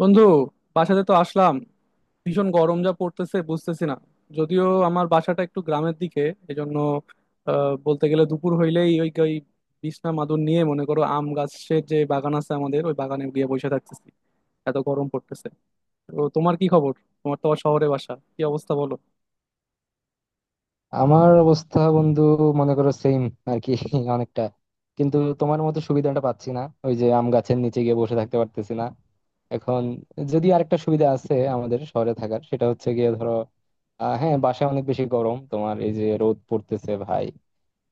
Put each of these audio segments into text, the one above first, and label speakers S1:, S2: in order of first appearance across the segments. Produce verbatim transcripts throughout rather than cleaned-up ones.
S1: বন্ধু, বাসাতে তো আসলাম। ভীষণ গরম যা পড়তেছে বুঝতেছি না। যদিও আমার বাসাটা একটু গ্রামের দিকে, এজন্য আহ, বলতে গেলে দুপুর হইলেই ওই ওই বিছনা মাদুর নিয়ে মনে করো আম গাছের যে বাগান আছে আমাদের, ওই বাগানে গিয়ে বসে থাকতেছি, এত গরম পড়তেছে। তো তোমার কি খবর? তোমার তো আবার শহরে বাসা, কি অবস্থা বলো।
S2: আমার অবস্থা বন্ধু মনে করো সেম আর কি অনেকটা। কিন্তু তোমার মতো সুবিধাটা পাচ্ছি না, ওই যে আম গাছের নিচে গিয়ে বসে থাকতে পারতেছি না এখন। যদি আরেকটা সুবিধা আছে আমাদের শহরে থাকার, সেটা হচ্ছে গিয়ে ধরো আহ, হ্যাঁ, বাসায় অনেক বেশি গরম তোমার, এই যে রোদ পড়তেছে ভাই,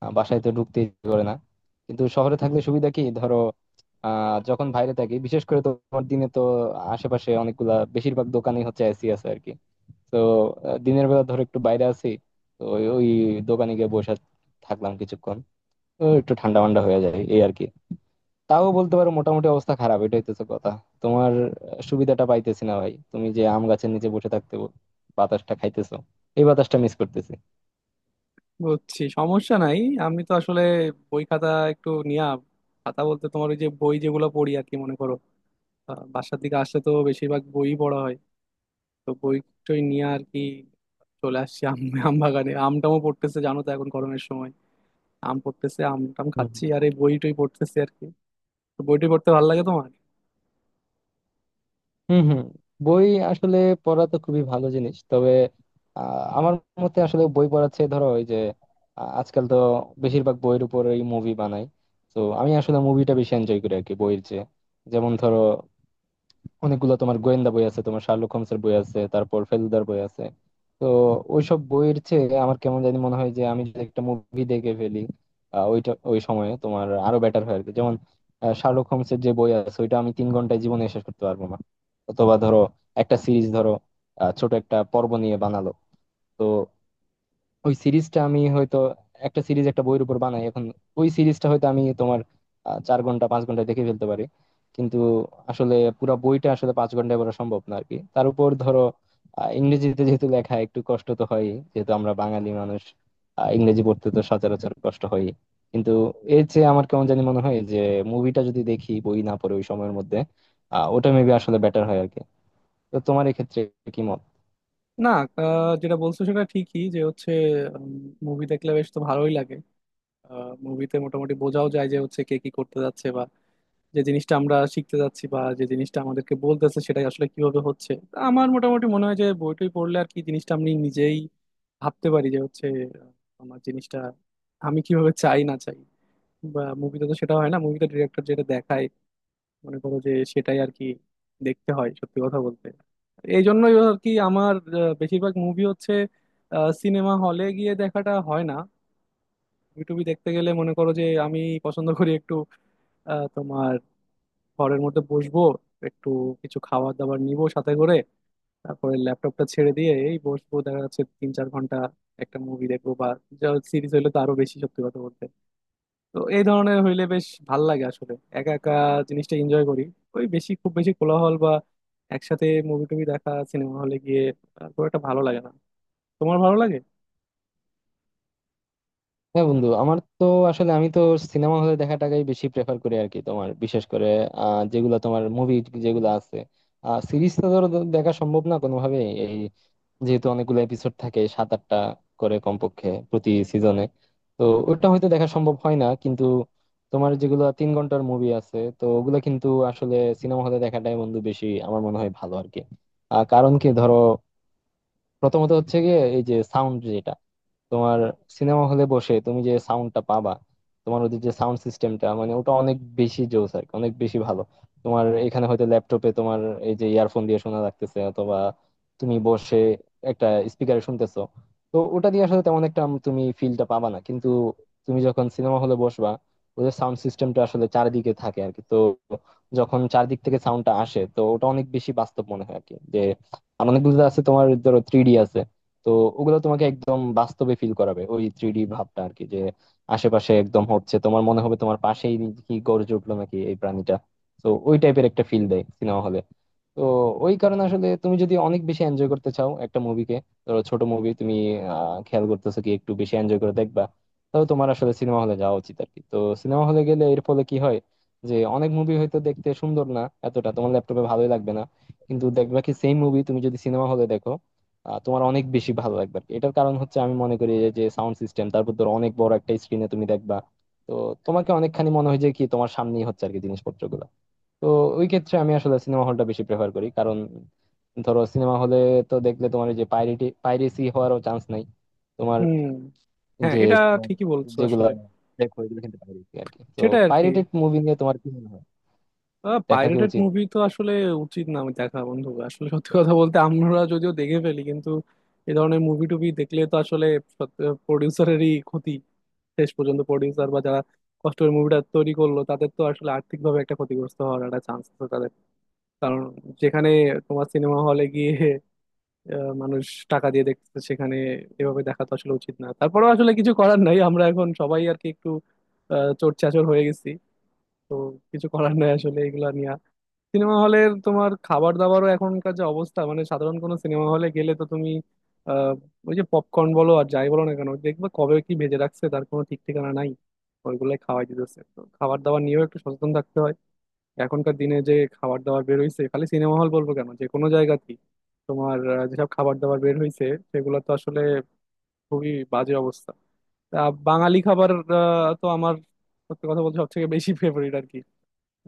S2: আহ, বাসায় তো ঢুকতে ইচ্ছে করে না। কিন্তু শহরে থাকলে সুবিধা কি ধরো, আহ যখন বাইরে থাকি বিশেষ করে তোমার দিনে, তো আশেপাশে অনেকগুলা বেশিরভাগ দোকানই হচ্ছে এসি আছে আর কি। তো আহ, দিনের বেলা ধর একটু বাইরে আছি, তো ওই ওই দোকানে গিয়ে বসে থাকলাম কিছুক্ষণ, তো একটু ঠান্ডা ঠান্ডা হয়ে যায় এই আর কি। তাও বলতে পারো মোটামুটি অবস্থা খারাপ, এটা হইতেছে কথা। তোমার আহ, সুবিধাটা পাইতেছি না ভাই, তুমি যে আম গাছের নিচে বসে থাকতে বাতাসটা খাইতেছো, এই বাতাসটা মিস করতেছি।
S1: বুঝছি, সমস্যা নাই। আমি তো আসলে বই খাতা একটু নিয়া, খাতা বলতে তোমার ওই যে বই যেগুলো পড়ি আর কি, মনে করো আহ, বাসার দিকে আসলে তো বেশিরভাগ বই পড়া হয়, তো বই টই নিয়ে আর কি চলে আসছি। আম আম বাগানে আম টামও পড়তেছে, জানো তো এখন গরমের সময় আম পড়তেছে। আম টাম খাচ্ছি আর এই বই টই পড়তেছি আর কি। তো বই টই পড়তে ভালো লাগে তোমার?
S2: হম হম। বই আসলে পড়া তো খুবই ভালো জিনিস, তবে আহ, আমার মতে আসলে বই পড়ার চেয়ে ধরো ওই যে আহ, আজকাল তো বেশিরভাগ বইয়ের উপরেই মুভি বানায়, তো আমি আসলে মুভিটা বেশি এনজয় করি আর কি বইয়ের চেয়ে। যেমন ধরো অনেকগুলো তোমার গোয়েন্দা বই আছে, তোমার শার্লক হোমসের বই আছে, তারপর ফেলুদার বই আছে। তো ওইসব বইয়ের চেয়ে আমার কেমন জানি মনে হয় যে আমি যদি একটা মুভি দেখে ফেলি, আহ, ওইটা ওই সময়ে তোমার আরো বেটার হয় আর কি। যেমন আহ, শার্লক হোমসের যে বই আছে ওইটা আমি তিন ঘন্টায় জীবনে শেষ করতে পারবো না। অথবা ধরো একটা সিরিজ ধরো আহ, ছোট একটা পর্ব নিয়ে বানালো, তো ওই সিরিজটা আমি হয়তো, একটা সিরিজ একটা বইয়ের উপর বানাই এখন, ওই সিরিজটা হয়তো আমি তোমার আহ, চার ঘন্টা পাঁচ ঘন্টা দেখে ফেলতে পারি। কিন্তু আসলে পুরো বইটা আসলে পাঁচ ঘন্টায় পড়া সম্ভব না আরকি। তার উপর ধরো আহ, ইংরেজিতে যেহেতু লেখা একটু কষ্ট তো হয়, যেহেতু আমরা বাঙালি মানুষ, আহ, ইংরেজি পড়তে তো সচরাচর কষ্ট হয়। কিন্তু এর চেয়ে আমার কেমন জানি মনে হয় যে মুভিটা যদি দেখি বই না পড়ে ওই সময়ের মধ্যে, আহ ওটা মেবি আসলে বেটার হয় আরকি। তো তোমার এক্ষেত্রে কি মত?
S1: না, আহ, যেটা বলছো সেটা ঠিকই যে হচ্ছে মুভি দেখলে বেশ তো ভালোই লাগে। মুভিতে মোটামুটি বোঝাও যায় যে হচ্ছে কে কি করতে যাচ্ছে, বা যে জিনিসটা আমরা শিখতে যাচ্ছি বা যে জিনিসটা আমাদেরকে বলতেছে সেটাই আসলে কিভাবে হচ্ছে। তা আমার মোটামুটি মনে হয় যে বই টই পড়লে আর কি জিনিসটা আমি নিজেই ভাবতে পারি যে হচ্ছে আহ, আমার জিনিসটা আমি কিভাবে চাই না চাই। বা মুভিতে তো সেটা হয় না, মুভিতে ডিরেক্টর যেটা দেখায় মনে করো যে সেটাই আর কি দেখতে হয়, সত্যি কথা বলতে। এই জন্যই আর কি আমার আহ, বেশিরভাগ মুভি হচ্ছে সিনেমা হলে গিয়ে দেখাটা হয় না। ইউটিউবে দেখতে গেলে মনে করো যে আমি পছন্দ করি একটু আহ, তোমার ঘরের মধ্যে বসবো, একটু কিছু খাবার দাবার নিব সাথে করে, তারপরে ল্যাপটপটা ছেড়ে দিয়ে এই বসবো, দেখা যাচ্ছে তিন চার ঘন্টা একটা মুভি দেখবো, বা সিরিজ হলে তো আরো বেশি সত্যি কথা বলতে। তো এই ধরনের হইলে বেশ ভাল লাগে, আসলে একা একা জিনিসটা এনজয় করি। ওই বেশি খুব বেশি কোলাহল বা একসাথে মুভি টুভি দেখা সিনেমা হলে গিয়ে আহ, খুব একটা ভালো লাগে না। তোমার ভালো লাগে?
S2: হ্যাঁ বন্ধু, আমার তো আসলে, আমি তো সিনেমা হলে দেখাটাকেই বেশি প্রেফার করি আর কি। তোমার বিশেষ করে আহ, যেগুলো তোমার মুভি যেগুলো আছে, সিরিজ তো ধরো দেখা সম্ভব না কোনোভাবে এই, যেহেতু অনেকগুলো এপিসোড থাকে সাত আটটা করে কমপক্ষে প্রতি সিজনে। তো ওটা হয়তো দেখা সম্ভব হয় না, কিন্তু তোমার যেগুলো তিন ঘন্টার মুভি আছে তো ওগুলো কিন্তু আসলে সিনেমা হলে দেখাটাই বন্ধু বেশি আমার মনে হয় ভালো আর কি। আহ, কারণ কি ধরো, প্রথমত হচ্ছে গিয়ে এই যে সাউন্ড যেটা তোমার, সিনেমা হলে বসে তুমি যে সাউন্ডটা পাবা, তোমার ওদের যে সাউন্ড সিস্টেমটা, মানে ওটা অনেক বেশি জোস আর কি, অনেক বেশি ভালো। তোমার এখানে হয়তো ল্যাপটপে তোমার এই যে ইয়ারফোন দিয়ে শোনা লাগতেছে, অথবা তুমি বসে একটা স্পিকারে শুনতেছো, তো ওটা দিয়ে আসলে তেমন একটা তুমি ফিলটা পাবা না। কিন্তু তুমি যখন সিনেমা হলে বসবা, ওদের সাউন্ড সিস্টেমটা আসলে চারিদিকে থাকে আর কি, তো যখন চারদিক থেকে সাউন্ডটা আসে তো ওটা অনেক বেশি বাস্তব মনে হয় আর কি। আর অনেকগুলো আছে তোমার, ধরো থ্রি ডি আছে, তো ওগুলো তোমাকে একদম বাস্তবে ফিল করাবে ওই থ্রি ডি ভাবটা আর কি, যে আশেপাশে একদম হচ্ছে, তোমার মনে হবে তোমার পাশেই কি গর্জে উঠলো নাকি এই প্রাণীটা। তো ওই টাইপের একটা ফিল দেয় সিনেমা হলে। তো ওই কারণে আসলে তুমি যদি অনেক বেশি এনজয় করতে চাও একটা মুভিকে, ধরো ছোট মুভি তুমি আহ, খেয়াল করতেছো, কি একটু বেশি এনজয় করে দেখবা, তাহলে তোমার আসলে সিনেমা হলে যাওয়া উচিত আর কি। তো সিনেমা হলে গেলে এর ফলে কি হয় যে অনেক মুভি হয়তো দেখতে সুন্দর না এতটা, তোমার ল্যাপটপে ভালোই লাগবে না, কিন্তু দেখবা কি সেম মুভি তুমি যদি সিনেমা হলে দেখো আহ, তোমার অনেক বেশি ভালো লাগবে আর কি। এটার কারণ হচ্ছে আমি মনে করি যে সাউন্ড সিস্টেম, তারপর ধর অনেক বড় একটা স্ক্রিনে তুমি দেখবা, তো তোমাকে অনেকখানি মনে হয় যে কি তোমার সামনেই হচ্ছে আর কি জিনিসপত্রগুলো। তো ওই ক্ষেত্রে আমি আসলে সিনেমা হলটা বেশি প্রেফার করি, কারণ ধরো সিনেমা হলে তো দেখলে তোমার এই যে পাইরেটি পাইরেসি হওয়ারও চান্স নাই। তোমার
S1: হুম, হ্যাঁ
S2: যে
S1: এটা
S2: তোমার
S1: ঠিকই বলছো
S2: যেগুলো
S1: আসলে।
S2: দেখো এগুলো কিন্তু পাইরেসি আর কি। তো
S1: সেটাই আর কি।
S2: পাইরেটেড মুভি নিয়ে তোমার কি মনে হয়, দেখা কি
S1: পাইরেটেড
S2: উচিত?
S1: মুভি তো আসলে উচিত না, আমি দেখা বন্ধু আসলে সত্যি কথা বলতে আমরা যদিও দেখে ফেলি, কিন্তু এই ধরনের মুভি টুভি দেখলে তো আসলে প্রডিউসারেরই ক্ষতি। শেষ পর্যন্ত প্রডিউসার বা যারা কষ্ট করে মুভিটা তৈরি করলো তাদের তো আসলে আর্থিকভাবে একটা ক্ষতিগ্রস্ত হওয়ার একটা চান্স আছে তাদের। কারণ যেখানে তোমার সিনেমা হলে গিয়ে আহ, মানুষ টাকা দিয়ে দেখতেছে, সেখানে এভাবে দেখা তো আসলে উচিত না। তারপরেও আসলে কিছু করার নাই, আমরা এখন সবাই আর কি একটু আহ চোট চাচর হয়ে গেছি। তো কিছু করার নেই আসলে এগুলা নিয়ে। সিনেমা হলের তোমার খাবার দাবারও এখনকার যে অবস্থা, মানে সাধারণ কোনো সিনেমা হলে গেলে তো তুমি আহ, ওই যে পপকর্ন বলো আর যাই বলো না কেন, দেখবে কবে কি ভেজে রাখছে তার কোনো ঠিক ঠিকানা নাই। ওইগুলাই খাওয়াই দিতেছে। তো খাবার দাবার নিয়েও একটু সচেতন থাকতে হয়। এখনকার দিনে যে খাবার দাবার বের হইছে, খালি সিনেমা হল বলবো কেন, যে কোনো জায়গাতেই তোমার আহ, যেসব খাবার দাবার বের হইছে, সেগুলো তো আসলে খুবই বাজে অবস্থা। তা বাঙালি খাবার আহ, তো আমার সত্যি কথা বলতে সব থেকে বেশি ফেভারিট আর কি।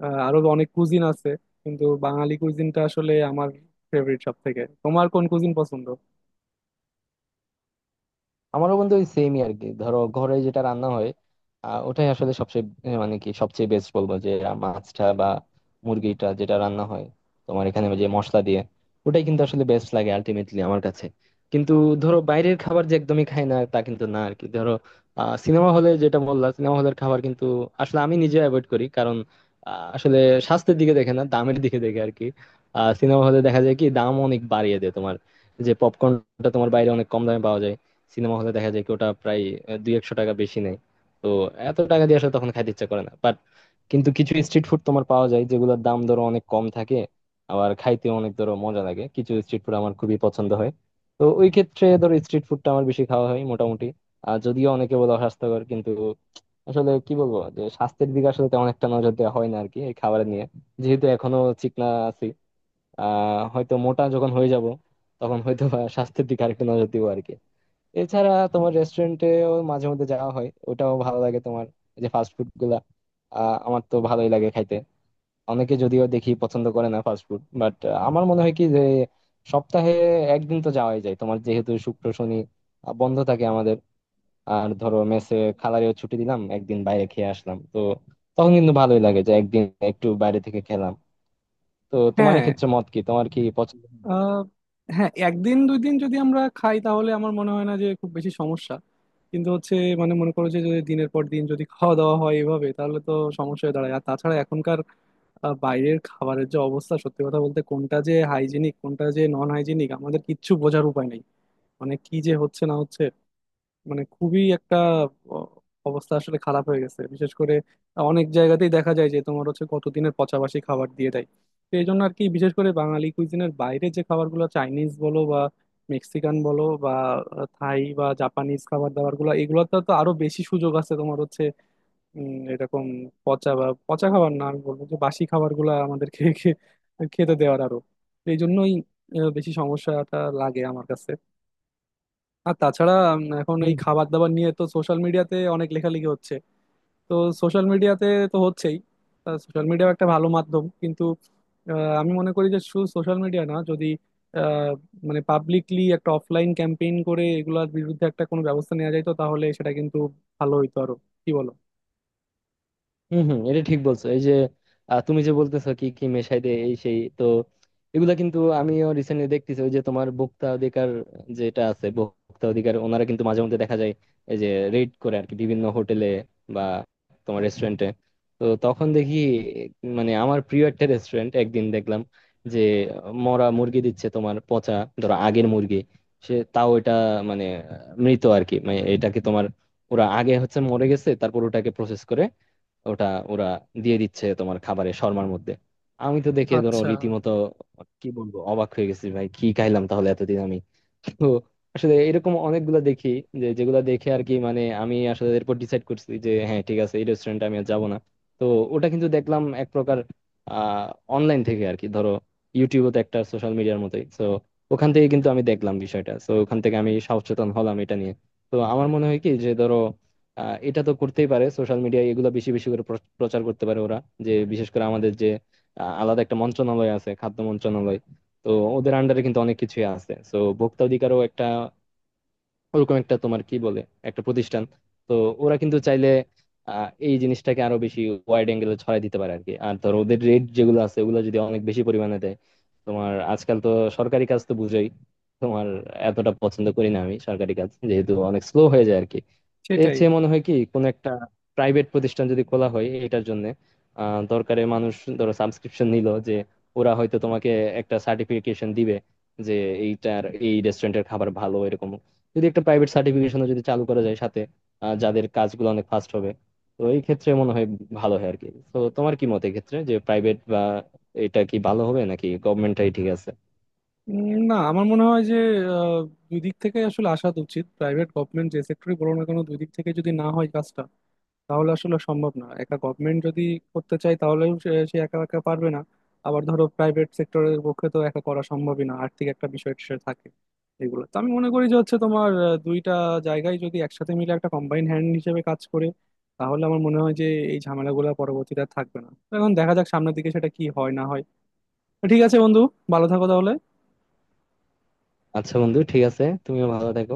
S1: আহ, আরো অনেক কুজিন আছে, কিন্তু বাঙালি কুজিনটা আসলে আমার ফেভারিট সব থেকে। তোমার কোন কুজিন পছন্দ?
S2: আমারও বন্ধু ওই সেমই আর কি, ধরো ঘরে যেটা রান্না হয় আহ, ওটাই আসলে সবচেয়ে আহ, মানে কি সবচেয়ে বেস্ট বলবো, যে আহ, মাছটা বা মুরগিটা যেটা রান্না হয় তোমার এখানে যে মশলা দিয়ে, ওটাই কিন্তু আসলে বেস্ট লাগে আলটিমেটলি আমার কাছে। কিন্তু ধরো বাইরের খাবার যে একদমই খাই না তা কিন্তু না আর কি। ধরো আহ সিনেমা হলে যেটা বললাম সিনেমা হলের খাবার কিন্তু আসলে আমি নিজে অ্যাভয়েড করি, কারণ আহ, আসলে স্বাস্থ্যের দিকে দেখে না, দামের দিকে দেখে আর কি। সিনেমা হলে দেখা যায় কি দাম অনেক বাড়িয়ে দেয় তোমার, যে পপকর্নটা তোমার বাইরে অনেক কম দামে পাওয়া যায়, সিনেমা হলে দেখা যায় কি ওটা প্রায় আহ, দুই একশো টাকা বেশি নেয়। তো এত টাকা দিয়ে আসলে তখন খাইতে ইচ্ছা করে না বাট, কিন্তু কিছু স্ট্রিট ফুড তোমার পাওয়া যায় যেগুলোর দাম ধরো অনেক কম থাকে, আবার খাইতে অনেক ধরো মজা লাগে। কিছু স্ট্রিট ফুড আমার খুবই পছন্দ হয়, তো ওই ক্ষেত্রে ধরো স্ট্রিট ফুডটা আমার বেশি খাওয়া হয় মোটামুটি। আর যদিও অনেকে বলে অস্বাস্থ্যকর, কিন্তু আসলে কি বলবো যে স্বাস্থ্যের দিকে আসলে তেমন একটা নজর দেওয়া হয় না আর কি এই খাবার নিয়ে, যেহেতু এখনো চিকনা আছি। আহ হয়তো মোটা যখন হয়ে যাব তখন হয়তো বা স্বাস্থ্যের দিকে আরেকটু নজর দিব আর কি। এছাড়া তোমার রেস্টুরেন্টেও মাঝে মধ্যে যাওয়া হয়, ওটাও ভালো লাগে। তোমার এই যে ফাস্ট ফুড গুলা আহ, আমার তো ভালোই লাগে খাইতে। অনেকে যদিও দেখি পছন্দ করে না ফাস্ট ফুড, বাট আমার মনে হয় কি যে সপ্তাহে একদিন তো যাওয়াই যায়। তোমার যেহেতু শুক্র শনি আহ, বন্ধ থাকে আমাদের, আর ধরো মেসে খালারেও ছুটি দিলাম, একদিন বাইরে খেয়ে আসলাম, তো তখন কিন্তু ভালোই লাগে যে একদিন একটু বাইরে থেকে খেলাম। তো তোমার
S1: হ্যাঁ,
S2: ক্ষেত্রে মত কি, তোমার কি পছন্দ?
S1: আহ, হ্যাঁ একদিন দুই দিন যদি আমরা খাই তাহলে আমার মনে হয় না যে খুব বেশি সমস্যা। কিন্তু হচ্ছে মানে মনে করো যে যদি দিনের পর দিন যদি খাওয়া দাওয়া হয় এভাবে তাহলে তো সমস্যা হয়ে দাঁড়ায়। আর তাছাড়া এখনকার আহ, বাইরের খাবারের যে অবস্থা সত্যি কথা বলতে কোনটা যে হাইজিনিক কোনটা যে নন হাইজিনিক আমাদের কিচ্ছু বোঝার উপায় নেই। মানে কি যে হচ্ছে না হচ্ছে, মানে খুবই একটা অ- অবস্থা আসলে খারাপ হয়ে গেছে। বিশেষ করে অনেক জায়গাতেই দেখা যায় যে তোমার হচ্ছে কতদিনের পচাবাসি খাবার দিয়ে দেয়। তো এই জন্য আর কি বিশেষ করে বাঙালি কুইজিনের বাইরে যে খাবারগুলো, চাইনিজ বলো বা মেক্সিকান বলো বা থাই বা জাপানিজ খাবার দাবার গুলো, এগুলোতে তো আরো বেশি সুযোগ আছে তোমার হচ্ছে উম, এরকম পচা বা পচা খাবার না, আমি বলবো যে বাসি খাবার গুলা আমাদেরকে খে- খেতে দেওয়ার আরো। তো এই জন্যই আহ, বেশি সমস্যাটা লাগে আমার কাছে। আর তাছাড়া উম, এখন এই খাবার দাবার নিয়ে তো সোশ্যাল মিডিয়াতে অনেক লেখালেখি হচ্ছে। তো সোশ্যাল মিডিয়াতে তো হচ্ছেই। সোশ্যাল মিডিয়াও একটা ভালো মাধ্যম, কিন্তু আহ, আমি মনে করি যে শুধু সোশ্যাল মিডিয়া না, যদি আহ, মানে পাবলিকলি একটা অফলাইন ক্যাম্পেইন করে এগুলোর বিরুদ্ধে একটা কোনো ব্যবস্থা নেওয়া যায় তো তাহলে সেটা কিন্তু ভালো হইতো আরো। কি বলো?
S2: হম হম, এটা ঠিক বলছো। এই যে আহ, তুমি যে বলতেছো কি কি মেশাই দে এই সেই, তো এগুলা কিন্তু আমিও রিসেন্টলি দেখতেছি ওই যে তোমার ভোক্তা অধিকার যেটা আছে, ভোক্তা অধিকার ওনারা কিন্তু মাঝে মধ্যে দেখা যায় এই যে রেড করে আর কি বিভিন্ন হোটেলে বা তোমার রেস্টুরেন্টে। তো তখন দেখি, মানে আমার প্রিয় একটা রেস্টুরেন্ট একদিন দেখলাম যে মরা মুরগি দিচ্ছে, তোমার পচা, ধরো আগের মুরগি। সে তাও এটা মানে আহ, মৃত আর কি, মানে এটাকে তোমার ওরা আগে হচ্ছে মরে গেছে, তারপর ওটাকে প্রসেস করে ওটা ওরা দিয়ে দিচ্ছে তোমার খাবারের শর্মার মধ্যে। আমি তো দেখে ধরো
S1: আচ্ছা।
S2: রীতিমতো কি বলবো, অবাক হয়ে গেছি ভাই, কি খাইলাম তাহলে এতদিন আমি। তো আসলে এরকম অনেকগুলো দেখি, যে যেগুলো দেখে আর কি, মানে আমি আসলে এরপর ডিসাইড করছি যে হ্যাঁ ঠিক আছে, এই রেস্টুরেন্টে আমি আর যাবো না। তো ওটা কিন্তু দেখলাম এক প্রকার আহ অনলাইন থেকে আর কি, ধরো ইউটিউবও তো একটা সোশ্যাল মিডিয়ার মতোই তো, ওখান থেকে কিন্তু আমি দেখলাম বিষয়টা, তো ওখান থেকে আমি সচেতন হলাম এটা নিয়ে। তো আমার মনে হয় কি যে ধরো আহ, এটা তো করতেই পারে সোশ্যাল মিডিয়ায় এগুলো বেশি বেশি করে প্র- প্রচার করতে পারে ওরা, যে বিশেষ করে আমাদের যে আহ, আলাদা একটা মন্ত্রণালয় আছে খাদ্য মন্ত্রণালয়, তো ওদের আন্ডারে কিন্তু অনেক কিছুই আছে, তো ভোক্তা অধিকারও একটা ওরকম একটা তোমার কি বলে, একটা প্রতিষ্ঠান। তো ওরা কিন্তু চাইলে আহ, এই জিনিসটাকে আরো বেশি ওয়াইড অ্যাঙ্গেলে ছড়াই দিতে পারে আর কি। আর ধর ওদের রেট যেগুলো আছে ওগুলো যদি অনেক বেশি পরিমাণে দেয়, তোমার আজকাল তো সরকারি কাজ তো বুঝোই তোমার, এতটা পছন্দ করি না আমি সরকারি কাজ, যেহেতু অনেক স্লো হয়ে যায় আর কি। তো এর
S1: সেটাই।
S2: চেয়ে মনে হয় কি কোন একটা প্রাইভেট প্রতিষ্ঠান যদি খোলা হয় এটার জন্য, আহ দরকারে মানুষ ধরো সাবস্ক্রিপশন নিল, যে ওরা হয়তো তোমাকে একটা সার্টিফিকেশন দিবে যে এইটার, এই রেস্টুরেন্টের খাবার ভালো, এরকম যদি একটা প্রাইভেট সার্টিফিকেশনও যদি চালু করা যায় সাথে, আহ, যাদের কাজগুলো অনেক ফাস্ট হবে। তো এই ক্ষেত্রে মনে হয় ভালো হয় আর কি। তো তোমার কি মত এই ক্ষেত্রে, যে প্রাইভেট বা এটা কি ভালো হবে নাকি গভর্নমেন্টটাই ঠিক আছে?
S1: উম, না আমার মনে হয় যে আহ, দুই দিক থেকে আসলে আসা উচিত, প্রাইভেট গভর্নমেন্ট যে সেক্টরই বলো না কেন দুই দিক থেকে যদি না হয় কাজটা তাহলে আসলে সম্ভব না। একা গভর্নমেন্ট যদি করতে চায় তাহলেও সে সে একা একা পারবে না। আবার ধরো প্রাইভেট সেক্টরের পক্ষে তো একা করা সম্ভবই না, আর্থিক একটা বিষয় সে থাকে। এগুলো তো আমি মনে করি যে হচ্ছে তোমার আহ, দুইটা জায়গায় যদি একসাথে মিলে একটা কম্বাইন হ্যান্ড হিসেবে কাজ করে, তাহলে আমার মনে হয় যে এই ঝামেলাগুলো পরবর্তীতে আর থাকবে না। তো এখন দেখা যাক সামনের দিকে সেটা কি হয় না হয়। তো ঠিক আছে বন্ধু, ভালো থাকো তাহলে।
S2: আচ্ছা বন্ধু, ঠিক আছে, তুমিও ভালো থেকো।